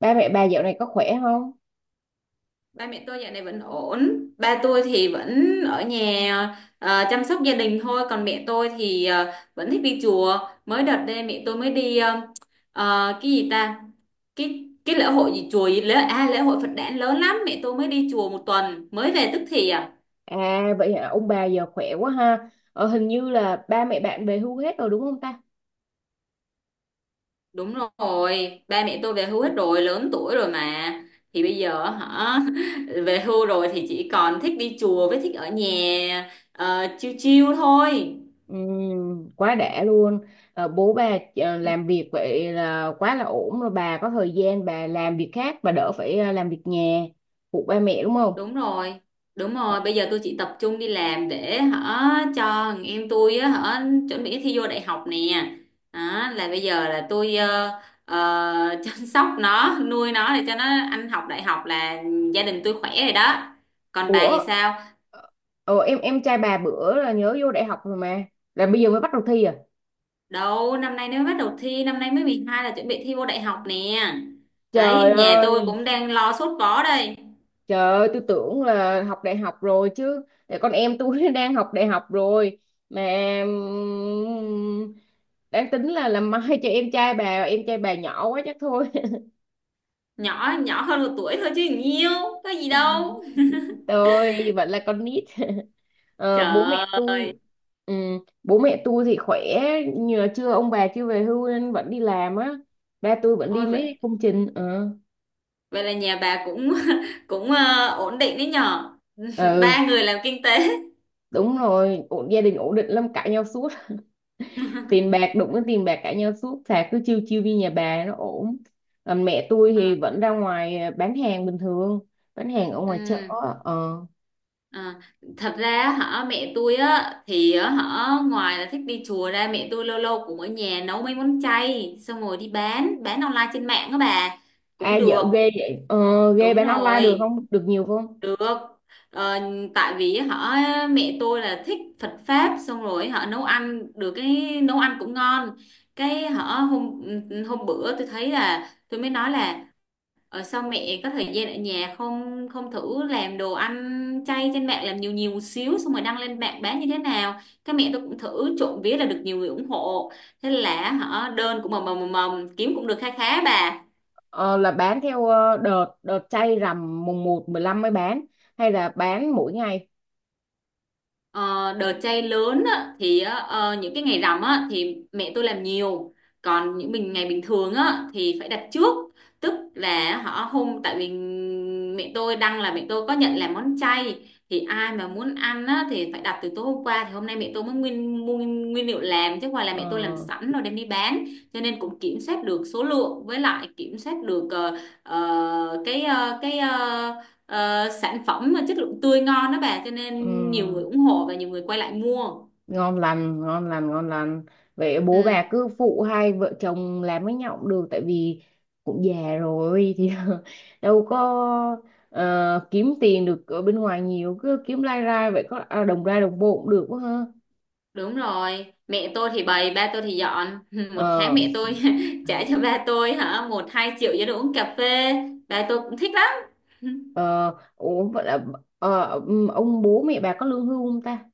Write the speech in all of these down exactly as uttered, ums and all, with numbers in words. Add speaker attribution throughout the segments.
Speaker 1: Ba mẹ bà dạo này có khỏe không?
Speaker 2: Ba mẹ tôi dạo này vẫn ổn. Ba tôi thì vẫn ở nhà, ờ, chăm sóc gia đình thôi. Còn mẹ tôi thì ờ, vẫn thích đi chùa. Mới đợt đây mẹ tôi mới đi ờ, ờ, cái gì ta, cái cái lễ hội gì chùa gì lễ, à lễ hội Phật đản lớn lắm. Mẹ tôi mới đi chùa một tuần mới về tức thì à.
Speaker 1: À vậy hả, ông bà giờ khỏe quá ha. ờ, Hình như là ba mẹ bạn về hưu hết rồi đúng không ta?
Speaker 2: Đúng rồi, ba mẹ tôi về hưu hết rồi, lớn tuổi rồi mà. Thì bây giờ hả, về hưu rồi thì chỉ còn thích đi chùa với thích ở nhà, ờ, chiêu chiêu thôi.
Speaker 1: Ừm, quá đã luôn. Ờ, bố bà ờ,
Speaker 2: Ừ.
Speaker 1: làm việc vậy là quá là ổn rồi, bà có thời gian bà làm việc khác, bà đỡ phải ờ, làm việc nhà phụ ba mẹ đúng không?
Speaker 2: Đúng rồi, đúng
Speaker 1: Ờ,
Speaker 2: rồi. Bây giờ tôi chỉ tập trung đi làm để hả, cho thằng em tôi á hả, chuẩn bị thi vô đại học nè. Đó, là bây giờ là tôi ờ, ờ, chăm sóc nó, nuôi nó để cho nó ăn học đại học, là gia đình tôi khỏe rồi đó. Còn bà thì
Speaker 1: ủa,
Speaker 2: sao?
Speaker 1: ờ, ờ, em em trai bà bữa là nhớ vô đại học rồi mà, là bây giờ mới bắt đầu thi à?
Speaker 2: Đâu, năm nay nó bắt đầu thi, năm nay mới mười hai là chuẩn bị thi vô đại học nè. Đấy,
Speaker 1: Trời
Speaker 2: nhà tôi
Speaker 1: ơi.
Speaker 2: cũng đang lo sốt vó đây.
Speaker 1: Trời ơi, tôi tưởng là học đại học rồi chứ. Tại con em tôi đang học đại học rồi mà. Ừm, đang tính là làm mai cho em trai bà, em trai bà nhỏ quá chắc thôi.
Speaker 2: Nhỏ nhỏ hơn một tuổi thôi chứ nhiều, có gì đâu.
Speaker 1: Tôi vẫn là con nít. Ờ, bố mẹ
Speaker 2: Trời ơi.
Speaker 1: tôi, ừm, bố mẹ tôi thì khỏe nhưng mà chưa, ông bà chưa về hưu nên vẫn đi làm á. Ba tôi vẫn đi
Speaker 2: Ôi,
Speaker 1: mấy công trình ờ.
Speaker 2: vậy là nhà bà cũng cũng ờ, ổn định đấy nhở.
Speaker 1: Ừ,
Speaker 2: Ba người làm kinh tế.
Speaker 1: đúng rồi, ổn, gia đình ổn định lắm, cãi nhau suốt. Tiền bạc đụng cái tiền bạc cãi nhau suốt, thà cứ chiêu chiêu đi nhà bà nó ổn. Còn mẹ tôi thì
Speaker 2: Ờ,
Speaker 1: vẫn ra ngoài à, bán hàng bình thường, bán hàng ở ngoài chợ.
Speaker 2: ừ,
Speaker 1: ờ
Speaker 2: ờ. Thật ra hả, mẹ tôi á thì á, hả ngoài là thích đi chùa ra, mẹ tôi lâu lâu cũng ở nhà nấu mấy món chay, xong rồi đi bán bán online trên mạng á bà,
Speaker 1: À,
Speaker 2: cũng
Speaker 1: dở
Speaker 2: được.
Speaker 1: ghê vậy, ờ, ghê,
Speaker 2: Đúng
Speaker 1: bán online được
Speaker 2: rồi.
Speaker 1: không, được nhiều không?
Speaker 2: Được. Ờ, tại vì họ, mẹ tôi là thích Phật pháp, xong rồi họ nấu ăn được, cái nấu ăn cũng ngon. Cái họ hôm hôm bữa tôi thấy là tôi mới nói là ờ, sao mẹ có thời gian ở nhà không, không thử làm đồ ăn chay trên mạng, làm nhiều nhiều một xíu xong rồi đăng lên mạng bán như thế nào. Cái mẹ tôi cũng thử, trộm vía là được nhiều người ủng hộ. Thế là họ đơn cũng mầm mầm mầm mầm, kiếm cũng được kha khá bà.
Speaker 1: ờ, là bán theo ờ, đợt đợt chay rằm mùng một, mười lăm mới bán hay là bán mỗi ngày?
Speaker 2: Ờ, đợt chay lớn á, thì á, ờ, những cái ngày rằm á, thì mẹ tôi làm nhiều, còn những mình ngày bình thường á, thì phải đặt trước. Tức là họ hôm, tại vì mẹ tôi đăng là mẹ tôi có nhận làm món chay, thì ai mà muốn ăn á, thì phải đặt từ tối hôm qua, thì hôm nay mẹ tôi mới nguyên mua nguyên liệu làm, chứ ngoài là mẹ tôi làm
Speaker 1: ờ
Speaker 2: sẵn rồi đem đi bán, cho nên cũng kiểm soát được số lượng, với lại kiểm soát được ờ, ờ, cái ờ, cái ờ, ờ, sản phẩm mà chất lượng tươi ngon đó bà, cho
Speaker 1: ừ,
Speaker 2: nên nhiều người ủng hộ và nhiều người quay lại mua.
Speaker 1: ngon lành, ngon lành, ngon lành. Vậy bố bà
Speaker 2: Ừ.
Speaker 1: cứ phụ hai vợ chồng làm với nhau cũng được, tại vì cũng già rồi thì đâu có ờ, kiếm tiền được ở bên ngoài nhiều, cứ kiếm lai rai vậy có à, đồng ra đồng bộ cũng được quá ha.
Speaker 2: Đúng rồi, mẹ tôi thì bày, ba tôi thì dọn. Một tháng
Speaker 1: ờ
Speaker 2: mẹ tôi trả cho ba tôi hả một hai triệu cho đồ uống cà phê, ba tôi cũng thích lắm.
Speaker 1: ờ Ủa vậy là, ờ, ừm, ông bố mẹ bà có lương hưu không ta?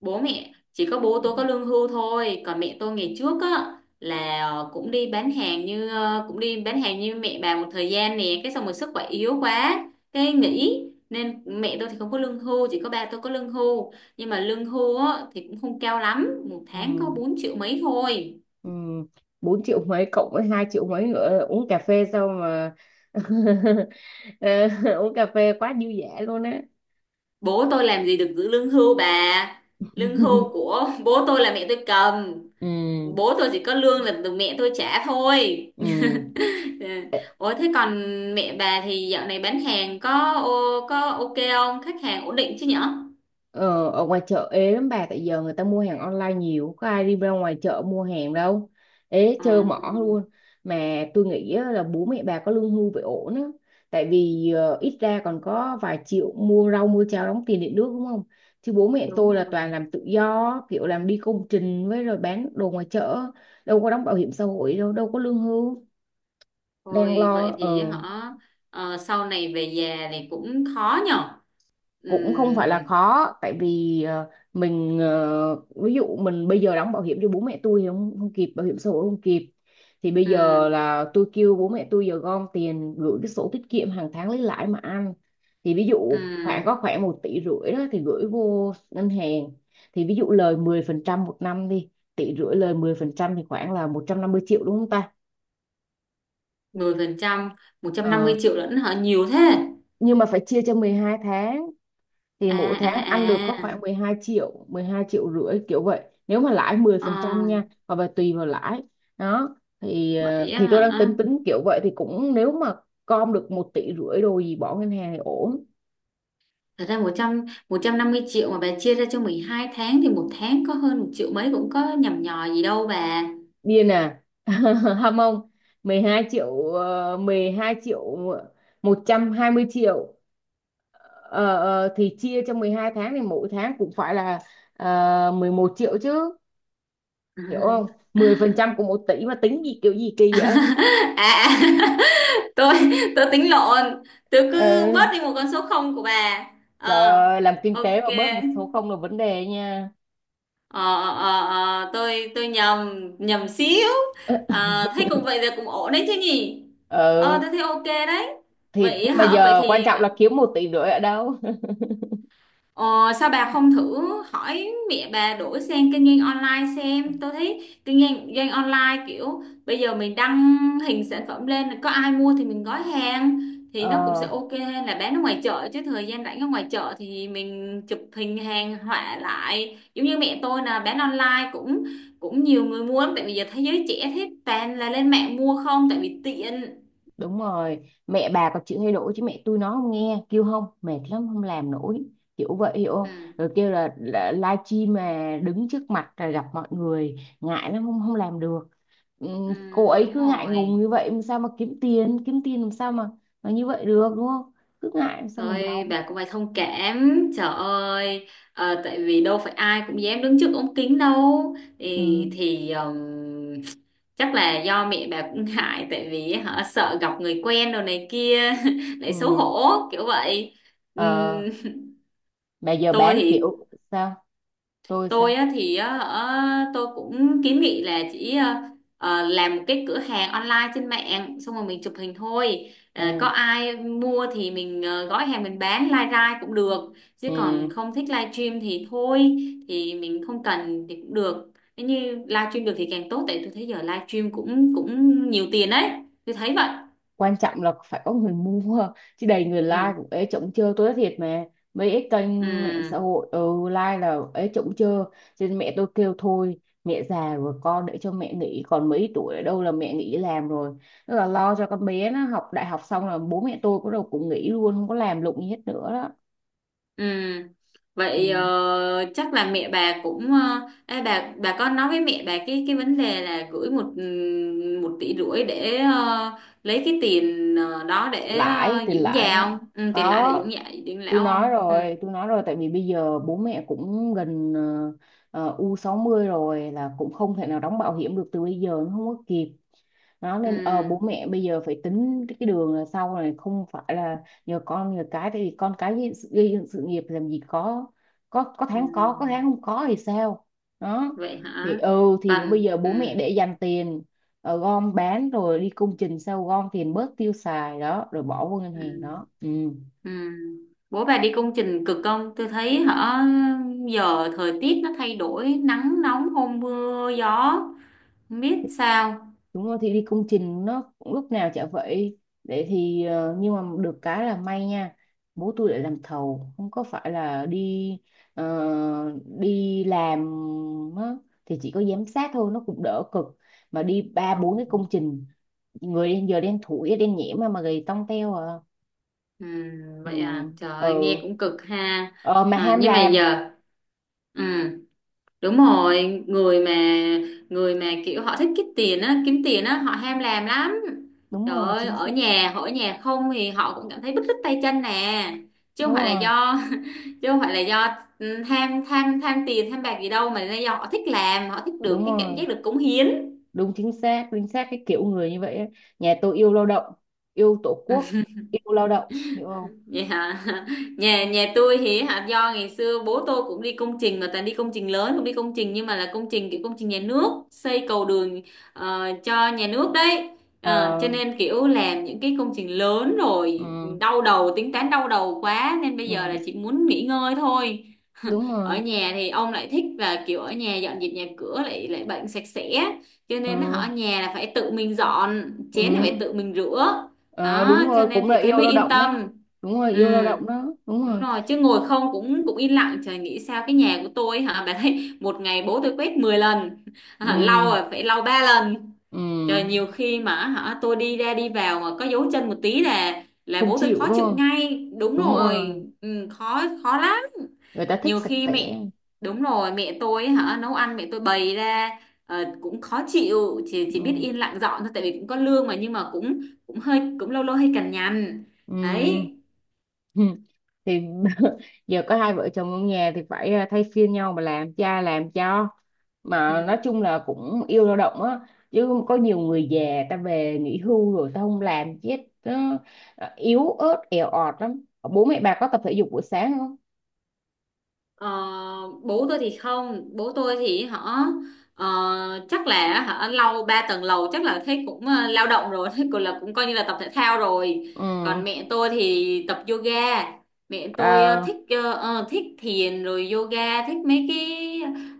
Speaker 2: Bố mẹ chỉ có bố tôi có lương hưu thôi, còn mẹ tôi ngày trước á, là ờ, cũng đi bán hàng như ờ, cũng đi bán hàng như mẹ bà một thời gian nè, cái xong rồi sức khỏe yếu quá, cái nghỉ, nên mẹ tôi thì không có lương hưu, chỉ có ba tôi có lương hưu. Nhưng mà lương hưu á thì cũng không cao lắm, một tháng có
Speaker 1: Ừ.
Speaker 2: bốn triệu mấy thôi.
Speaker 1: Ừ, bốn triệu mấy cộng với hai triệu mấy nữa uống cà phê sao mà Ờ, uống cà phê quá dư dả luôn á.
Speaker 2: Bố tôi làm gì được giữ lương hưu bà, lương hưu của bố tôi là mẹ tôi cầm.
Speaker 1: Ừ.
Speaker 2: Bố tôi chỉ có lương là từ mẹ tôi trả thôi.
Speaker 1: Ừ.
Speaker 2: Dạ. Ủa thế còn mẹ bà thì dạo này bán hàng có ô- có ok không? Khách hàng ổn định chứ nhở?
Speaker 1: Ờ, ở ngoài chợ ế lắm bà, tại giờ người ta mua hàng online nhiều, có ai đi ra ngoài chợ mua hàng đâu, ế
Speaker 2: Ờ,
Speaker 1: trơ mỏ luôn. Mà tôi nghĩ á, là bố mẹ bà có lương hưu phải ổn á, tại vì ờ, ít ra còn có vài triệu mua rau mua cháo đóng tiền điện nước đúng không? Chứ bố mẹ
Speaker 2: đúng
Speaker 1: tôi là toàn
Speaker 2: rồi.
Speaker 1: làm tự do, kiểu làm đi công trình với rồi bán đồ ngoài chợ, đâu có đóng bảo hiểm xã hội đâu, đâu có lương hưu. Đang
Speaker 2: Thôi vậy
Speaker 1: lo
Speaker 2: thì
Speaker 1: ờ
Speaker 2: họ ờ, sau này về già thì cũng khó nhở?
Speaker 1: cũng không phải là
Speaker 2: Ừm,
Speaker 1: khó, tại vì ờ, mình, ờ, ví dụ mình bây giờ đóng bảo hiểm cho bố mẹ tôi thì không, không kịp, bảo hiểm xã hội không kịp. Thì bây
Speaker 2: ừm,
Speaker 1: giờ là tôi kêu bố mẹ tôi giờ gom tiền, gửi cái sổ tiết kiệm hàng tháng lấy lãi mà ăn. Thì ví dụ khoảng
Speaker 2: ừm,
Speaker 1: có khoảng một tỷ rưỡi đó thì gửi vô ngân hàng, thì ví dụ lời mười phần trăm một năm đi, tỷ rưỡi lời mười phần trăm thì khoảng là một trăm năm mươi triệu đúng không ta?
Speaker 2: mười phần trăm,
Speaker 1: Ờ,
Speaker 2: một trăm năm mươi triệu lẫn họ nhiều thế.
Speaker 1: nhưng mà phải chia cho mười hai tháng, thì
Speaker 2: À
Speaker 1: mỗi
Speaker 2: à
Speaker 1: tháng ăn được có
Speaker 2: à.
Speaker 1: khoảng mười hai triệu, mười hai triệu rưỡi kiểu vậy, nếu mà lãi mười
Speaker 2: Ờ,
Speaker 1: phần trăm nha, hoặc là tùy vào lãi. Đó, thì ờ,
Speaker 2: vậy
Speaker 1: thì
Speaker 2: á
Speaker 1: tôi đang tính
Speaker 2: hả?
Speaker 1: tính kiểu vậy, thì cũng nếu mà com được một tỷ rưỡi đồ gì bỏ ngân hàng thì ổn.
Speaker 2: Thật ra một trăm một trăm năm mươi triệu mà bà chia ra cho mười hai tháng thì một tháng có hơn một triệu mấy, cũng có nhằm nhò gì đâu bà.
Speaker 1: Điên à? Ham không, mười hai triệu, ờ, mười hai triệu, một trăm hai mươi triệu. ờ, ờ, thì chia cho mười hai tháng thì mỗi tháng cũng phải là ờ, mười một triệu chứ, hiểu không? Mười phần trăm của một tỷ mà tính gì kiểu gì kỳ vậy.
Speaker 2: à, à, tôi tôi tính lộn, tôi cứ
Speaker 1: Ờ.
Speaker 2: bớt đi một con số không của bà.
Speaker 1: Trời
Speaker 2: Ờ,
Speaker 1: ơi, làm kinh tế
Speaker 2: ok.
Speaker 1: mà bớt một số không là vấn đề nha.
Speaker 2: ờ, ờ, ờ, ờ, tôi tôi nhầm, nhầm xíu. Ờ, thấy cũng vậy là cũng ổn đấy chứ nhỉ.
Speaker 1: Ờ.
Speaker 2: Ờ,
Speaker 1: Ừ,
Speaker 2: tôi thấy ok đấy.
Speaker 1: thì
Speaker 2: Vậy
Speaker 1: nhưng mà
Speaker 2: hả, vậy
Speaker 1: giờ quan
Speaker 2: thì
Speaker 1: trọng là kiếm một tỷ rưỡi ở đâu.
Speaker 2: ờ, sao bà không thử hỏi mẹ bà đổi sang kinh doanh online xem. Tôi thấy kinh doanh, doanh online kiểu bây giờ mình đăng hình sản phẩm lên, có ai mua thì mình gói hàng, thì nó cũng sẽ
Speaker 1: Ờ,
Speaker 2: ok hơn là bán ở ngoài chợ. Chứ thời gian rảnh ở ngoài chợ thì mình chụp hình hàng họa lại, giống như mẹ tôi là bán online cũng cũng nhiều người mua lắm. Tại vì giờ thế giới trẻ thế toàn là lên mạng mua không, tại vì tiện.
Speaker 1: đúng rồi. Mẹ bà có chịu thay đổi chứ mẹ tôi nó không nghe, kêu không, mệt lắm không làm nổi. Kiểu vậy hiểu không?
Speaker 2: Ừ,
Speaker 1: Rồi kêu là, là live stream mà đứng trước mặt là gặp mọi người, ngại lắm, không không làm được. Ừ,
Speaker 2: ừ,
Speaker 1: cô ấy
Speaker 2: đúng
Speaker 1: cứ ngại ngùng
Speaker 2: rồi.
Speaker 1: như vậy làm sao mà kiếm tiền, kiếm tiền làm sao mà mà như vậy được đúng không? Cứ ngại làm sao mà
Speaker 2: Thôi
Speaker 1: giàu.
Speaker 2: bà cũng phải thông cảm, trời ơi. Ờ, tại vì đâu phải ai cũng dám đứng trước ống kính đâu.
Speaker 1: Ừ.
Speaker 2: Thì, thì ừm, chắc là do mẹ bà cũng ngại, tại vì họ sợ gặp người quen đồ này kia lại xấu
Speaker 1: Ừ.
Speaker 2: hổ kiểu vậy.
Speaker 1: Ờ,
Speaker 2: Ừm.
Speaker 1: mà giờ
Speaker 2: Tôi
Speaker 1: bán
Speaker 2: thì
Speaker 1: kiểu sao, tôi
Speaker 2: tôi
Speaker 1: sao.
Speaker 2: á, thì á, hả, tôi cũng kiến nghị là chỉ ờ, ờ, làm một cái cửa hàng online trên mạng, xong rồi mình chụp hình thôi. Ờ, có
Speaker 1: Ừ.
Speaker 2: ai mua thì mình ờ, gói hàng, mình bán live ra cũng được,
Speaker 1: Ừ.
Speaker 2: chứ còn không thích live stream thì thôi, thì mình không cần thì cũng được. Nếu như live stream được thì càng tốt, tại tôi thấy giờ live stream cũng cũng nhiều tiền đấy, tôi thấy vậy.
Speaker 1: Quan trọng là phải có người mua, chứ đầy người like
Speaker 2: Ừ.
Speaker 1: cũng ế chổng chơ, tôi nói thiệt mà. Mấy cái
Speaker 2: Ừ.
Speaker 1: kênh mạng xã hội, ừ, like là ế chổng chơ. Cho nên mẹ tôi kêu thôi, mẹ già rồi, con để cho mẹ nghỉ, còn mấy tuổi ở đâu là mẹ nghỉ làm rồi. Tức là lo cho con bé nó học đại học xong là bố mẹ tôi có đầu cũng nghỉ luôn, không có làm lụng gì hết nữa đó.
Speaker 2: Ừ.
Speaker 1: Ừ.
Speaker 2: Vậy ờ, chắc là mẹ bà cũng ờ, ê, bà bà có nói với mẹ bà cái cái vấn đề là gửi một ừm, một tỷ rưỡi để ờ, lấy cái tiền ờ, đó để
Speaker 1: Lãi,
Speaker 2: ờ,
Speaker 1: tiền
Speaker 2: dưỡng
Speaker 1: lãi
Speaker 2: già
Speaker 1: đó.
Speaker 2: không? Ừ, tiền lãi để
Speaker 1: Có,
Speaker 2: dưỡng già dưỡng
Speaker 1: tôi
Speaker 2: lão
Speaker 1: nói
Speaker 2: không? Ừ.
Speaker 1: rồi, tôi nói rồi, tại vì bây giờ bố mẹ cũng gần ờ, ờ, u sáu mươi rồi, là cũng không thể nào đóng bảo hiểm được từ bây giờ, nó không có kịp. Nó nên ờ, bố
Speaker 2: Ừ.
Speaker 1: mẹ bây giờ phải tính cái đường là sau này không phải là nhờ con nhờ cái, tại vì con cái gây gây dựng sự nghiệp làm gì có, có có
Speaker 2: Ừ.
Speaker 1: tháng có có tháng không có thì sao. Đó.
Speaker 2: Vậy
Speaker 1: Thì
Speaker 2: hả?
Speaker 1: ừ, thì bây
Speaker 2: Cần.
Speaker 1: giờ bố mẹ
Speaker 2: Ừ.
Speaker 1: để dành tiền, ờ, gom bán rồi đi công trình, sau gom tiền bớt tiêu xài đó rồi bỏ vô ngân
Speaker 2: Ừ.
Speaker 1: hàng đó, ừ.
Speaker 2: Ừ. Bố bà đi công trình cực không? Tôi thấy hả, giờ thời tiết nó thay đổi, nắng nóng hôm mưa gió, không biết sao.
Speaker 1: Đúng rồi, thì đi công trình nó cũng lúc nào chả vậy để thì ờ, nhưng mà được cái là may nha, bố tôi lại làm thầu không có phải là đi ờ, đi làm á, thì chỉ có giám sát thôi, nó cũng đỡ cực, mà đi ba
Speaker 2: Ừ.
Speaker 1: bốn cái công trình người đen, giờ đen thủi đen nhẽm mà mà gầy tông teo à.
Speaker 2: Ừ,
Speaker 1: Ừ.
Speaker 2: vậy à, trời ơi, nghe
Speaker 1: Ừ.
Speaker 2: cũng cực ha.
Speaker 1: Ờ, mà
Speaker 2: À,
Speaker 1: ham
Speaker 2: nhưng mà
Speaker 1: làm.
Speaker 2: giờ ừ, đúng rồi, người mà, người mà kiểu họ thích kiếm tiền á, kiếm tiền á họ ham làm lắm.
Speaker 1: Đúng
Speaker 2: Trời
Speaker 1: rồi,
Speaker 2: ơi
Speaker 1: chính
Speaker 2: ở
Speaker 1: xác.
Speaker 2: nhà, họ ở nhà không thì họ cũng cảm thấy bứt rứt tay chân nè. Chứ không
Speaker 1: Đúng
Speaker 2: phải là
Speaker 1: rồi.
Speaker 2: do Chứ không phải là do ừ, tham tham tham tiền tham bạc gì đâu, mà là do họ thích làm, họ thích được
Speaker 1: Đúng
Speaker 2: cái cảm
Speaker 1: rồi,
Speaker 2: giác được cống hiến.
Speaker 1: đúng chính xác, chính xác, cái kiểu người như vậy ấy. Nhà tôi yêu lao động, yêu tổ
Speaker 2: Ừ.
Speaker 1: quốc, yêu lao động hiểu không.
Speaker 2: Vậy hả? Nhà nhà tôi thì hả, do ngày xưa bố tôi cũng đi công trình, mà toàn đi công trình lớn, không đi công trình nhưng mà là công trình kiểu công trình nhà nước, xây cầu đường ờ, cho nhà nước đấy. Ờ,
Speaker 1: Ờ.
Speaker 2: cho nên kiểu làm những cái công trình lớn rồi
Speaker 1: Ừ.
Speaker 2: đau đầu, tính toán đau đầu quá, nên bây giờ
Speaker 1: Ừ,
Speaker 2: là chỉ muốn nghỉ ngơi thôi.
Speaker 1: đúng
Speaker 2: Ở
Speaker 1: rồi.
Speaker 2: nhà thì ông lại thích và kiểu ở nhà dọn dẹp nhà cửa, lại lại bệnh sạch sẽ, cho
Speaker 1: Ờ.
Speaker 2: nên họ ở nhà là phải tự mình dọn, chén là
Speaker 1: Ừ.
Speaker 2: phải tự mình rửa.
Speaker 1: Ờ,
Speaker 2: Đó,
Speaker 1: đúng
Speaker 2: cho
Speaker 1: rồi,
Speaker 2: nên
Speaker 1: cũng là
Speaker 2: thì thấy
Speaker 1: yêu
Speaker 2: mới
Speaker 1: lao
Speaker 2: yên
Speaker 1: động đó.
Speaker 2: tâm.
Speaker 1: Đúng rồi,
Speaker 2: Ừ,
Speaker 1: yêu lao động đó, đúng
Speaker 2: đúng
Speaker 1: rồi.
Speaker 2: rồi, chứ ngồi không cũng cũng yên lặng trời nghĩ sao. Cái nhà của tôi hả bà, thấy một ngày bố tôi quét mười lần, lau
Speaker 1: Ừ.
Speaker 2: rồi phải lau ba lần.
Speaker 1: Ừ.
Speaker 2: Trời, nhiều khi mà hả, tôi đi ra đi vào mà có dấu chân một tí là là
Speaker 1: Không
Speaker 2: bố tôi
Speaker 1: chịu
Speaker 2: khó
Speaker 1: đúng
Speaker 2: chịu
Speaker 1: không.
Speaker 2: ngay. Đúng
Speaker 1: Đúng
Speaker 2: rồi,
Speaker 1: rồi,
Speaker 2: ừ, khó khó lắm.
Speaker 1: người ta thích
Speaker 2: Nhiều
Speaker 1: sạch
Speaker 2: khi
Speaker 1: sẽ.
Speaker 2: mẹ Đúng rồi, mẹ tôi ấy hả, nấu ăn mẹ tôi bày ra ờ, cũng khó chịu, chỉ chỉ biết
Speaker 1: Ừ.
Speaker 2: yên lặng dọn thôi, tại vì cũng có lương mà. Nhưng mà cũng cũng hơi, cũng lâu lâu hơi cằn nhằn
Speaker 1: Ừm.
Speaker 2: đấy.
Speaker 1: Thì giờ có hai vợ chồng trong nhà thì phải à, thay phiên nhau mà làm cha làm cho, mà nói chung là cũng yêu lao động á, chứ có nhiều người già ta về nghỉ hưu rồi ta không làm chết nó nó yếu ớt èo ọt lắm. Bố mẹ bà có tập thể dục buổi sáng không?
Speaker 2: Ờ, bố tôi thì không, bố tôi thì họ ờ, chắc là họ lau ba tầng lầu, chắc là thấy cũng ờ, lao động rồi, thấy cũng là cũng coi như là tập thể thao rồi.
Speaker 1: Ừ.
Speaker 2: Còn mẹ tôi thì tập yoga. Mẹ tôi ờ,
Speaker 1: À.
Speaker 2: thích ờ, ờ, thích thiền rồi yoga, thích mấy cái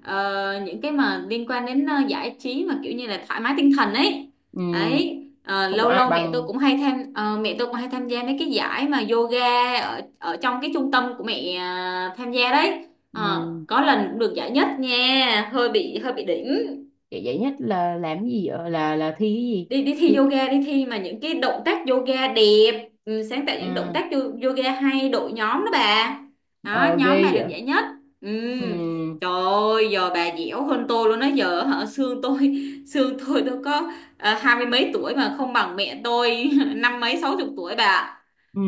Speaker 2: ờ, những cái mà liên quan đến ờ, giải trí mà kiểu như là thoải mái tinh thần ấy
Speaker 1: Ừ,
Speaker 2: ấy. Ờ,
Speaker 1: không
Speaker 2: lâu
Speaker 1: ai
Speaker 2: lâu mẹ tôi
Speaker 1: bằng.
Speaker 2: cũng hay tham ờ, mẹ tôi cũng hay tham gia mấy cái giải mà yoga ở ở trong cái trung tâm của mẹ ờ, tham gia đấy. Ờ,
Speaker 1: Ừ,
Speaker 2: có lần cũng được giải nhất nha, hơi bị hơi bị đỉnh.
Speaker 1: vậy vậy nhất là làm cái gì vậy, là là thi
Speaker 2: Đi Đi thi
Speaker 1: cái gì thi?
Speaker 2: yoga, đi thi mà những cái động tác yoga đẹp, ừ, sáng tạo những động
Speaker 1: À,
Speaker 2: tác yo- yoga hay đội nhóm đó bà. Đó,
Speaker 1: ờ
Speaker 2: nhóm
Speaker 1: ghê
Speaker 2: bà được
Speaker 1: vậy.
Speaker 2: giải nhất. Ừ.
Speaker 1: Ừ.
Speaker 2: Trời ơi giờ bà dẻo hơn tôi luôn đó. Giờ hả xương tôi, xương tôi tôi có ờ, hai mươi mấy tuổi mà không bằng mẹ tôi, năm mấy sáu chục tuổi bà.
Speaker 1: Ừ,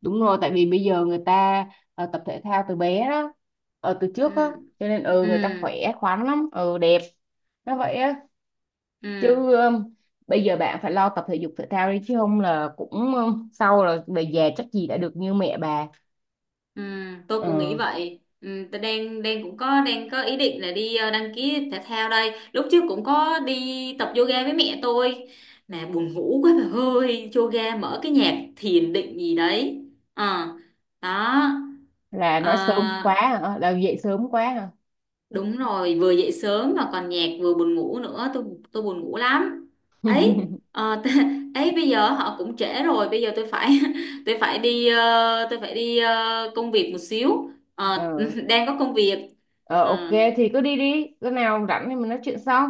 Speaker 1: đúng rồi, tại vì bây giờ người ta ờ, tập thể thao từ bé đó, ờ, từ
Speaker 2: Ừ.
Speaker 1: trước á, cho nên ừ
Speaker 2: Ừ.
Speaker 1: người ta khỏe khoắn lắm, ừ đẹp, nó vậy á.
Speaker 2: Ừ.
Speaker 1: Chứ ừm, bây giờ bạn phải lo tập thể dục thể thao đi, chứ không là cũng ừm, sau là về già chắc gì đã được như mẹ bà.
Speaker 2: Ừ, tôi cũng nghĩ
Speaker 1: Ờ,
Speaker 2: vậy. Ừ, tôi đang, đang cũng có đang có ý định là đi ờ, đăng ký thể thao đây. Lúc trước cũng có đi tập yoga với mẹ tôi, mà buồn ngủ quá bà ơi. Yoga mở cái nhạc thiền định gì đấy. Ờ, đó.
Speaker 1: là
Speaker 2: Ờ,
Speaker 1: nói sớm quá hả? Ờ, là dậy sớm quá hả?
Speaker 2: đúng rồi, vừa dậy sớm mà còn nhạc vừa buồn ngủ nữa, tôi tôi buồn ngủ lắm. Ấy, ờ, t- ấy bây giờ họ cũng trễ rồi, bây giờ tôi phải tôi phải đi ờ, tôi phải đi ờ, công việc một xíu. Ờ,
Speaker 1: Ừ.
Speaker 2: đang có công việc.
Speaker 1: Ờ, ok,
Speaker 2: Ờ,
Speaker 1: thì cứ đi đi, lúc nào rảnh thì mình nói chuyện sau.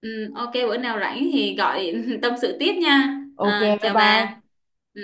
Speaker 2: ừ, ok, bữa nào rảnh thì gọi tâm sự tiếp nha.
Speaker 1: Ok,
Speaker 2: Ờ,
Speaker 1: bye
Speaker 2: chào bà.
Speaker 1: bye.
Speaker 2: Ừ.